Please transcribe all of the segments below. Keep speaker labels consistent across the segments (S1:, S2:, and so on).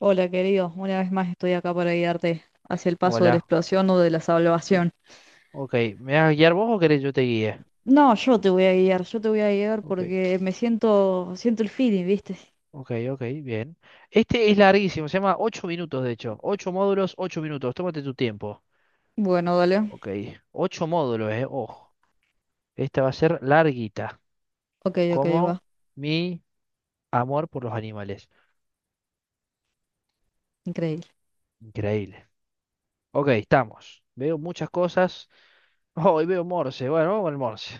S1: Hola, querido. Una vez más estoy acá para guiarte hacia el paso de la
S2: Hola,
S1: explosión o de la salvación.
S2: ok. ¿Me vas a guiar vos o querés yo te guíe?
S1: No, yo te voy a guiar, yo te voy a guiar
S2: Ok,
S1: porque me siento, siento el feeling, ¿viste?
S2: ok, ok, bien. Este es larguísimo, se llama ocho minutos de hecho. Ocho módulos, 8 minutos, tómate tu tiempo.
S1: Bueno, dale.
S2: Ok, 8 módulos, ojo. Esta va a ser larguita,
S1: Ok, ok,
S2: como
S1: va.
S2: mi amor por los animales.
S1: Increíble.
S2: Increíble. Ok, estamos. Veo muchas cosas. Oh, y veo Morse, bueno, vamos con el Morse.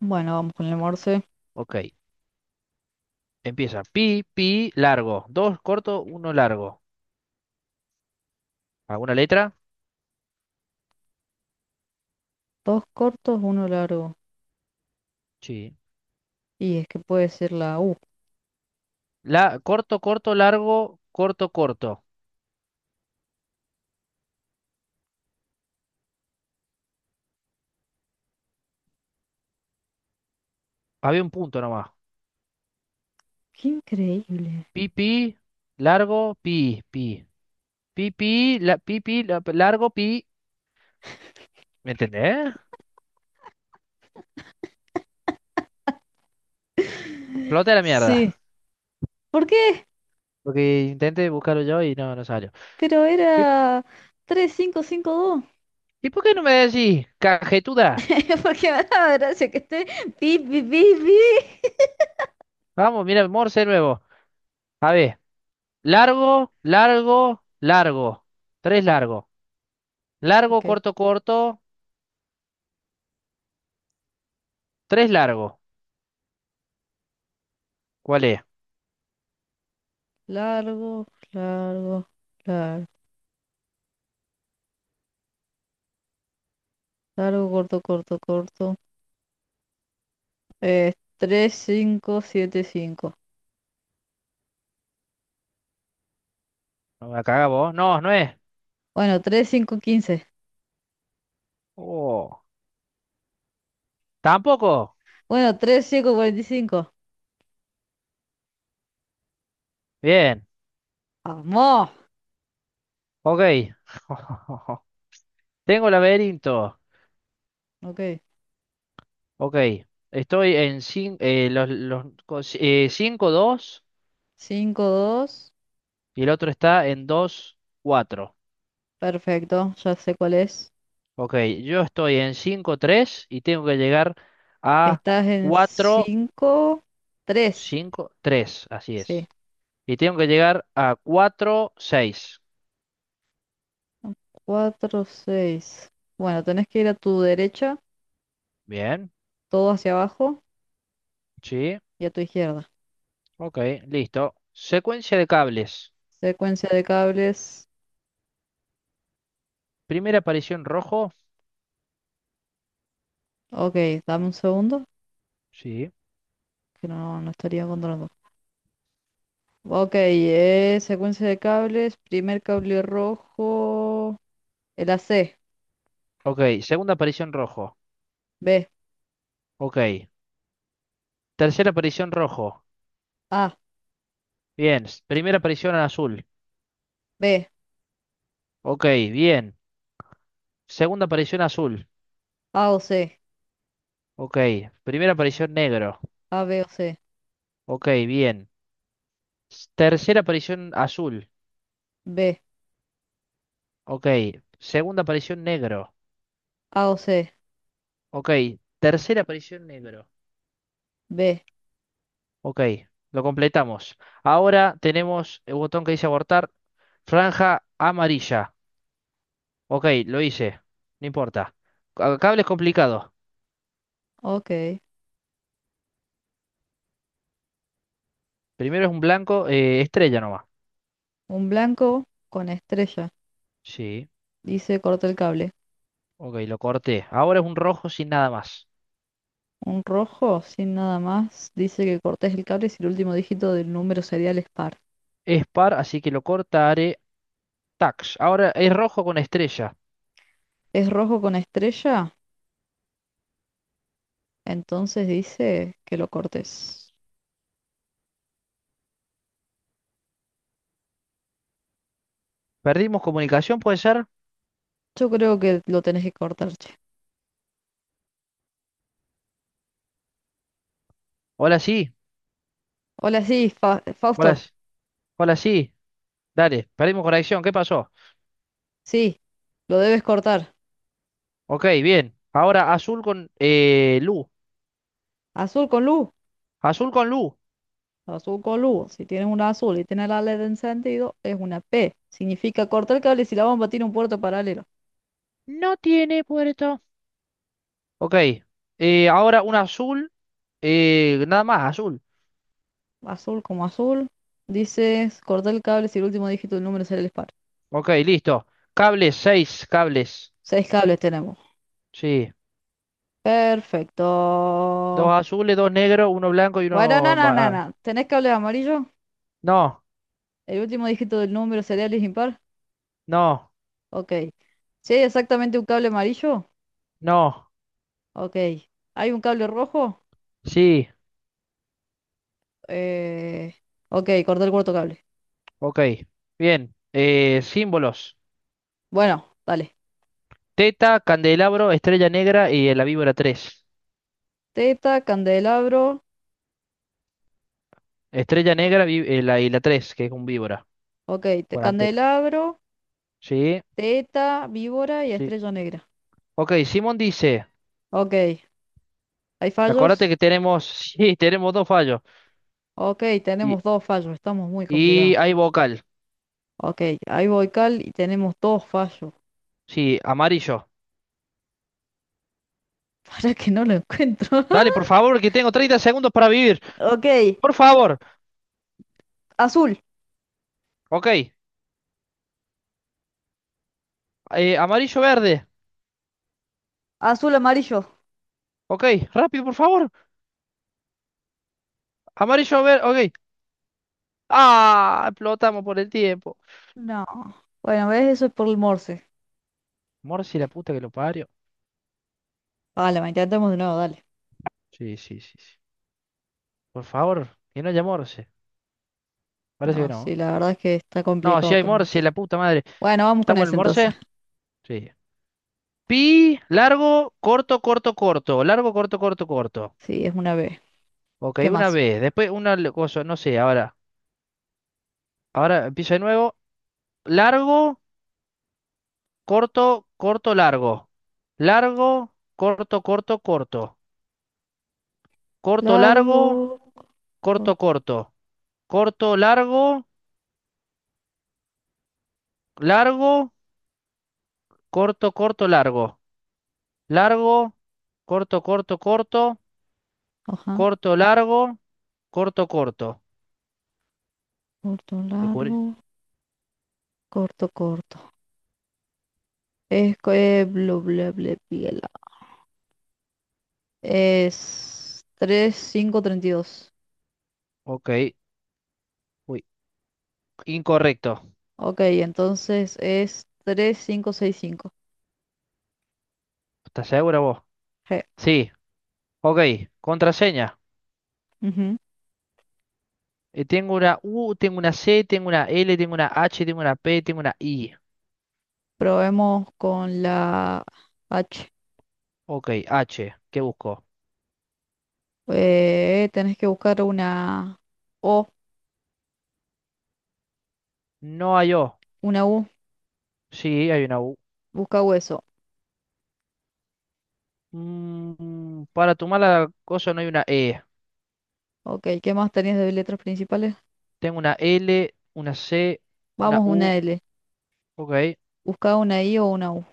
S1: Bueno, vamos con el morse.
S2: Ok, empieza. Pi, pi, largo. Dos corto, uno largo. ¿Alguna letra?
S1: Dos cortos, uno largo.
S2: Sí.
S1: Y es que puede ser la U.
S2: La, corto, corto, largo, corto, corto. Había un punto nomás.
S1: ¡Qué increíble!
S2: Pi, pi, largo, pi, pi. Pi, pi, la, pi, pi, largo, pi. ¿Me entendés? Flote la
S1: Sí.
S2: mierda.
S1: ¿Por qué?
S2: Porque intenté buscarlo yo y no, no salió.
S1: Pero
S2: ¿Y,
S1: era 3552.
S2: y por qué no me decís, cajetuda?
S1: Porque me daba gracia que esté pi, pi, pi, pi.
S2: Vamos, mira, Morse nuevo. A ver, largo, largo, largo. Tres largo. Largo,
S1: Ok.
S2: corto, corto. Tres largo. ¿Cuál es?
S1: Largo, largo, largo. Largo, corto, corto, corto. Es 3, 5, 7, 5.
S2: No me la cagás vos. No, no es.
S1: Bueno, tres cinco quince.
S2: Oh, tampoco.
S1: Bueno, tres cinco cuarenta y cinco.
S2: Bien.
S1: ¡Vamos!
S2: Ok. Tengo el laberinto.
S1: Ok.
S2: Ok. Estoy en 5, los cinco, dos,
S1: Cinco dos.
S2: y el otro está en 2 4.
S1: Perfecto, ya sé cuál es.
S2: Ok. Yo estoy en 5 3 y tengo que llegar a
S1: Estás en
S2: 4
S1: cinco tres.
S2: 5 3, así
S1: Sí.
S2: es. Y tengo que llegar a cuatro seis.
S1: Cuatro seis. Bueno, tenés que ir a tu derecha,
S2: Bien.
S1: todo hacia abajo
S2: Sí.
S1: y a tu izquierda.
S2: Ok. Listo. Secuencia de cables.
S1: Secuencia de cables.
S2: Primera aparición rojo.
S1: Ok, dame un segundo,
S2: Sí.
S1: que no, no estaría controlando. Ok, secuencia de cables, primer cable rojo, el AC,
S2: Ok. Segunda aparición rojo.
S1: B,
S2: Ok. Tercera aparición rojo.
S1: A,
S2: Bien. Primera aparición azul.
S1: B,
S2: Ok, bien. Segunda aparición azul.
S1: A o C,
S2: Ok. Primera aparición negro.
S1: A, B o C,
S2: Ok, bien. Tercera aparición azul.
S1: B,
S2: Ok. Segunda aparición negro.
S1: A o C,
S2: Ok. Tercera aparición negro.
S1: B,
S2: Ok. Lo completamos. Ahora tenemos el botón que dice abortar. Franja amarilla. Ok, lo hice. No importa. Cable es complicado.
S1: ok.
S2: Primero es un blanco, estrella nomás.
S1: Un blanco con estrella,
S2: Sí.
S1: dice corta el cable.
S2: Ok, lo corté. Ahora es un rojo sin nada más.
S1: Un rojo, sin nada más, dice que cortes el cable si el último dígito del número serial es par.
S2: Es par, así que lo cortaré. Tax. Ahora es rojo con estrella.
S1: ¿Es rojo con estrella? Entonces dice que lo cortes.
S2: ¿Perdimos comunicación, puede ser?
S1: Yo creo que lo tenés que cortar, che.
S2: Hola, sí.
S1: Hola, sí,
S2: Hola,
S1: Fausto.
S2: hola, sí. Dale, perdimos conexión. ¿Qué pasó?
S1: Sí, lo debes cortar.
S2: Ok, bien. Ahora azul con Lu.
S1: Azul con luz,
S2: Azul con Lu.
S1: azul con luz. Si tienes una azul y tienes la LED encendido, es una P. Significa cortar el cable si la bomba tiene un puerto paralelo.
S2: No tiene puerto. Ok. Ahora un azul. Nada más, azul.
S1: Azul como azul. Dices cortar el cable si el último dígito del número es el disparo.
S2: Ok, listo. Cables, seis cables.
S1: Seis cables tenemos.
S2: Sí.
S1: Perfecto.
S2: Dos azules, dos negros, uno blanco y
S1: Bueno, no,
S2: uno...
S1: no, no,
S2: ma-
S1: no. ¿Tenés cable amarillo?
S2: No.
S1: ¿El último dígito del número serial es impar?
S2: No.
S1: Ok. ¿Si hay exactamente un cable amarillo?
S2: No,
S1: Ok. ¿Hay un cable rojo?
S2: sí,
S1: Eh... Ok, corté el cuarto cable.
S2: ok. Bien. Símbolos.
S1: Bueno, dale.
S2: Teta, candelabro, estrella negra y la víbora 3.
S1: Teta, candelabro.
S2: Estrella negra la, y la 3 que es un víbora.
S1: Ok, te
S2: Cuarentena.
S1: candelabro,
S2: Sí,
S1: teta, víbora y
S2: sí.
S1: estrella negra.
S2: Ok, Simón dice,
S1: Ok, ¿hay
S2: acuérdate
S1: fallos?
S2: que tenemos, sí, tenemos dos fallos.
S1: Ok,
S2: Y,
S1: tenemos dos fallos, estamos muy
S2: y
S1: complicados.
S2: hay vocal.
S1: Ok, ahí voy Cal y tenemos dos fallos.
S2: Sí, amarillo.
S1: Para que no lo encuentro.
S2: Dale, por favor, que tengo 30 segundos para vivir.
S1: Ok,
S2: Por favor.
S1: azul,
S2: Ok. Amarillo verde.
S1: azul, amarillo.
S2: Ok, rápido, por favor. Amarillo verde. Ok. Ah, explotamos por el tiempo.
S1: No. Bueno, ¿ves? Eso es por el Morse.
S2: Morsi, la puta que lo parió.
S1: Vale, ma, intentemos de nuevo, dale.
S2: Sí, sí, sí, sí. Por favor, que no haya Morse. Parece que
S1: No, sí,
S2: no.
S1: la verdad es que está
S2: No, si
S1: complicado
S2: hay
S1: con el
S2: Morse,
S1: Morse.
S2: la puta madre.
S1: Bueno, vamos
S2: ¿Está
S1: con
S2: bueno el
S1: ese entonces.
S2: Morse? Sí. Pi, largo, corto, corto, corto. Largo, corto, corto, corto.
S1: Sí, es una B.
S2: Ok,
S1: ¿Qué
S2: una
S1: más?
S2: vez. Después una cosa, no sé, ahora. Ahora empiezo de nuevo. Largo, corto, corto, largo. Largo, corto, corto, corto. Corto, largo,
S1: Largo.
S2: corto, corto. Corto, largo, largo, corto, corto, largo. Largo, corto, corto, corto,
S1: Ajá,
S2: corto, largo, corto, corto.
S1: corto,
S2: Descubrí.
S1: largo, corto, corto. Es que bla, bla, bla, bla. Es tres, cinco, treinta y dos.
S2: Ok. Uy, incorrecto.
S1: Ok, entonces es tres cinco seis, cinco.
S2: ¿Estás segura vos?
S1: G.
S2: Sí. Ok. Contraseña.
S1: Ujú.
S2: Tengo una U, tengo una C, tengo una L, tengo una H, tengo una P, tengo una I.
S1: Probemos con la H.
S2: Ok, H. ¿Qué busco?
S1: Tenés que buscar una O,
S2: No hay O.
S1: una U.
S2: Sí, hay una U.
S1: Busca hueso.
S2: Mm, para tu mala cosa no hay una E.
S1: Ok, ¿qué más tenías de letras principales?
S2: Tengo una L, una C, una
S1: Vamos,
S2: U.
S1: una L.
S2: Ok.
S1: Busca una I o una U.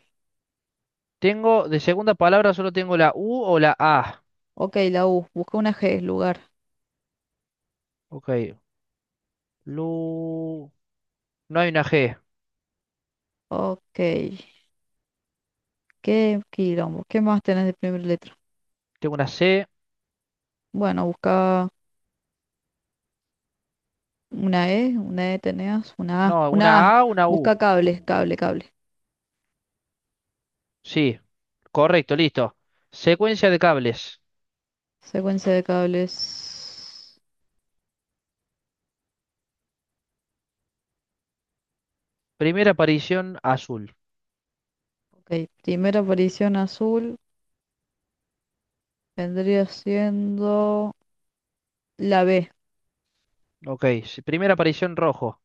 S2: Tengo, de segunda palabra solo tengo la U o la A.
S1: Ok, la U. Busca una G, lugar.
S2: Ok. Lu. No hay una G.
S1: Ok. Qué quilombo. ¿Qué más tenés de primera letra?
S2: Tengo una C.
S1: Bueno, busca una E tenías,
S2: No, una
S1: una A.
S2: A, una U.
S1: Busca cable, cable, cable.
S2: Sí. Correcto, listo. Secuencia de cables.
S1: Secuencia de cables.
S2: Primera aparición azul.
S1: Ok, primera aparición azul vendría siendo la B,
S2: Ok. Primera aparición rojo.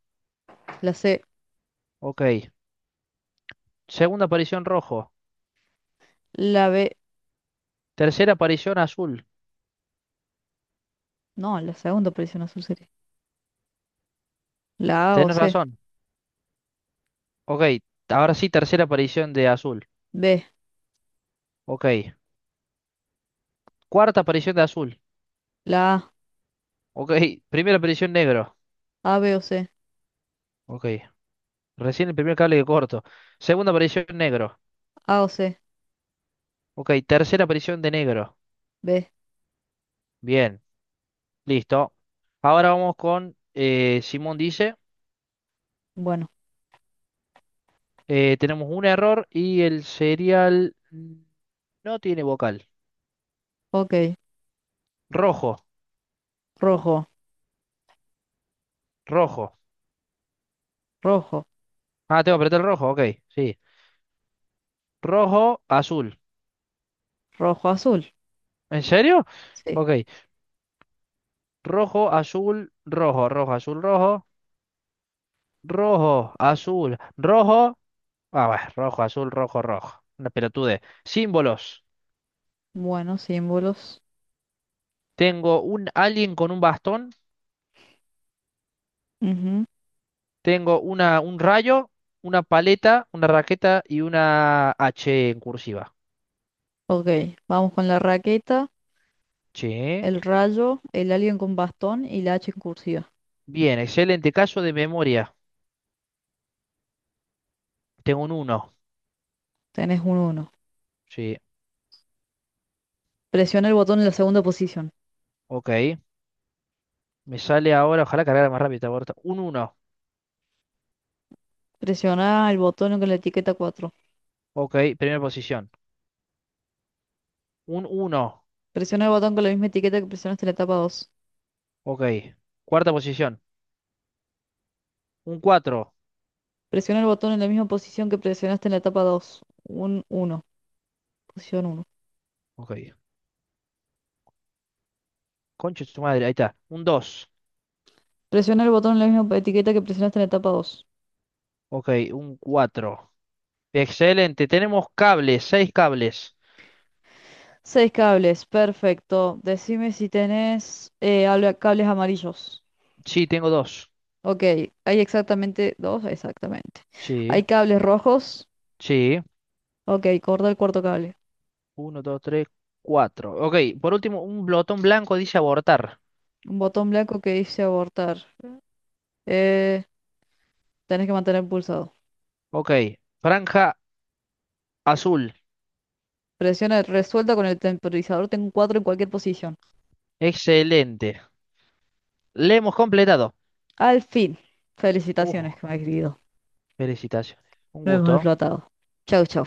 S1: la C,
S2: Ok. Segunda aparición rojo.
S1: la B.
S2: Tercera aparición azul.
S1: No, la segunda aparición azul sería. La A o
S2: Tenés
S1: C,
S2: razón. Ok. Ahora sí, tercera aparición de azul.
S1: B,
S2: Ok. Cuarta aparición de azul.
S1: la
S2: Ok. Primera aparición negro.
S1: A, B o C,
S2: Ok. Recién el primer cable que corto. Segunda aparición negro.
S1: A o C,
S2: Ok, tercera aparición de negro.
S1: B.
S2: Bien, listo. Ahora vamos con Simón dice,
S1: Bueno,
S2: tenemos un error y el serial mm, no tiene vocal.
S1: ok.
S2: Rojo,
S1: Rojo,
S2: rojo.
S1: rojo,
S2: Ah, tengo que apretar el rojo, ok, sí. Rojo, azul.
S1: rojo, azul.
S2: ¿En serio?
S1: Sí.
S2: Ok. Rojo, azul, rojo, rojo, azul, rojo. Rojo, azul, rojo. Ah, bueno, rojo, azul, rojo, rojo. Una pelotude. Símbolos.
S1: Bueno, símbolos.
S2: Tengo un alguien con un bastón,
S1: Ujú.
S2: tengo una, un rayo, una paleta, una raqueta y una H en cursiva.
S1: Ok, vamos con la raqueta,
S2: Sí.
S1: el rayo, el alien con bastón y la H en cursiva.
S2: Bien, excelente caso de memoria. Tengo un uno.
S1: Tenés un uno.
S2: Sí,
S1: Presiona el botón en la segunda posición.
S2: ok. Me sale ahora, ojalá cargara más rápido. Esta puerta. Un uno.
S1: Presiona el botón con la etiqueta 4.
S2: Ok, primera posición. Un uno.
S1: Presiona el botón con la misma etiqueta que presionaste en la etapa dos.
S2: Ok. Cuarta posición. Un cuatro.
S1: Presiona el botón en la misma posición que presionaste en la etapa 2. Un uno. Posición uno.
S2: Ok. Concha de su madre, ahí está. Un dos.
S1: Presiona el botón en la misma etiqueta que presionaste en la etapa dos.
S2: Ok, un cuatro. Excelente. Tenemos cables, seis cables.
S1: Seis cables, perfecto. Decime si tenés cables amarillos.
S2: Sí, tengo dos.
S1: Ok, hay exactamente dos, exactamente.
S2: Sí.
S1: Hay cables rojos.
S2: Sí,
S1: Ok, corta el cuarto cable.
S2: uno, dos, tres, cuatro. Ok, por último, un blotón blanco dice abortar.
S1: Un botón blanco que dice abortar. Eh, tenés que mantener pulsado.
S2: Ok, franja azul.
S1: Presiona resuelta con el temporizador. Tengo un 4 en cualquier posición.
S2: Excelente. Le hemos completado.
S1: Al fin. Felicitaciones,
S2: Uh,
S1: que me ha querido.
S2: felicitaciones. Un
S1: Lo hemos
S2: gusto.
S1: explotado. Chau, chau.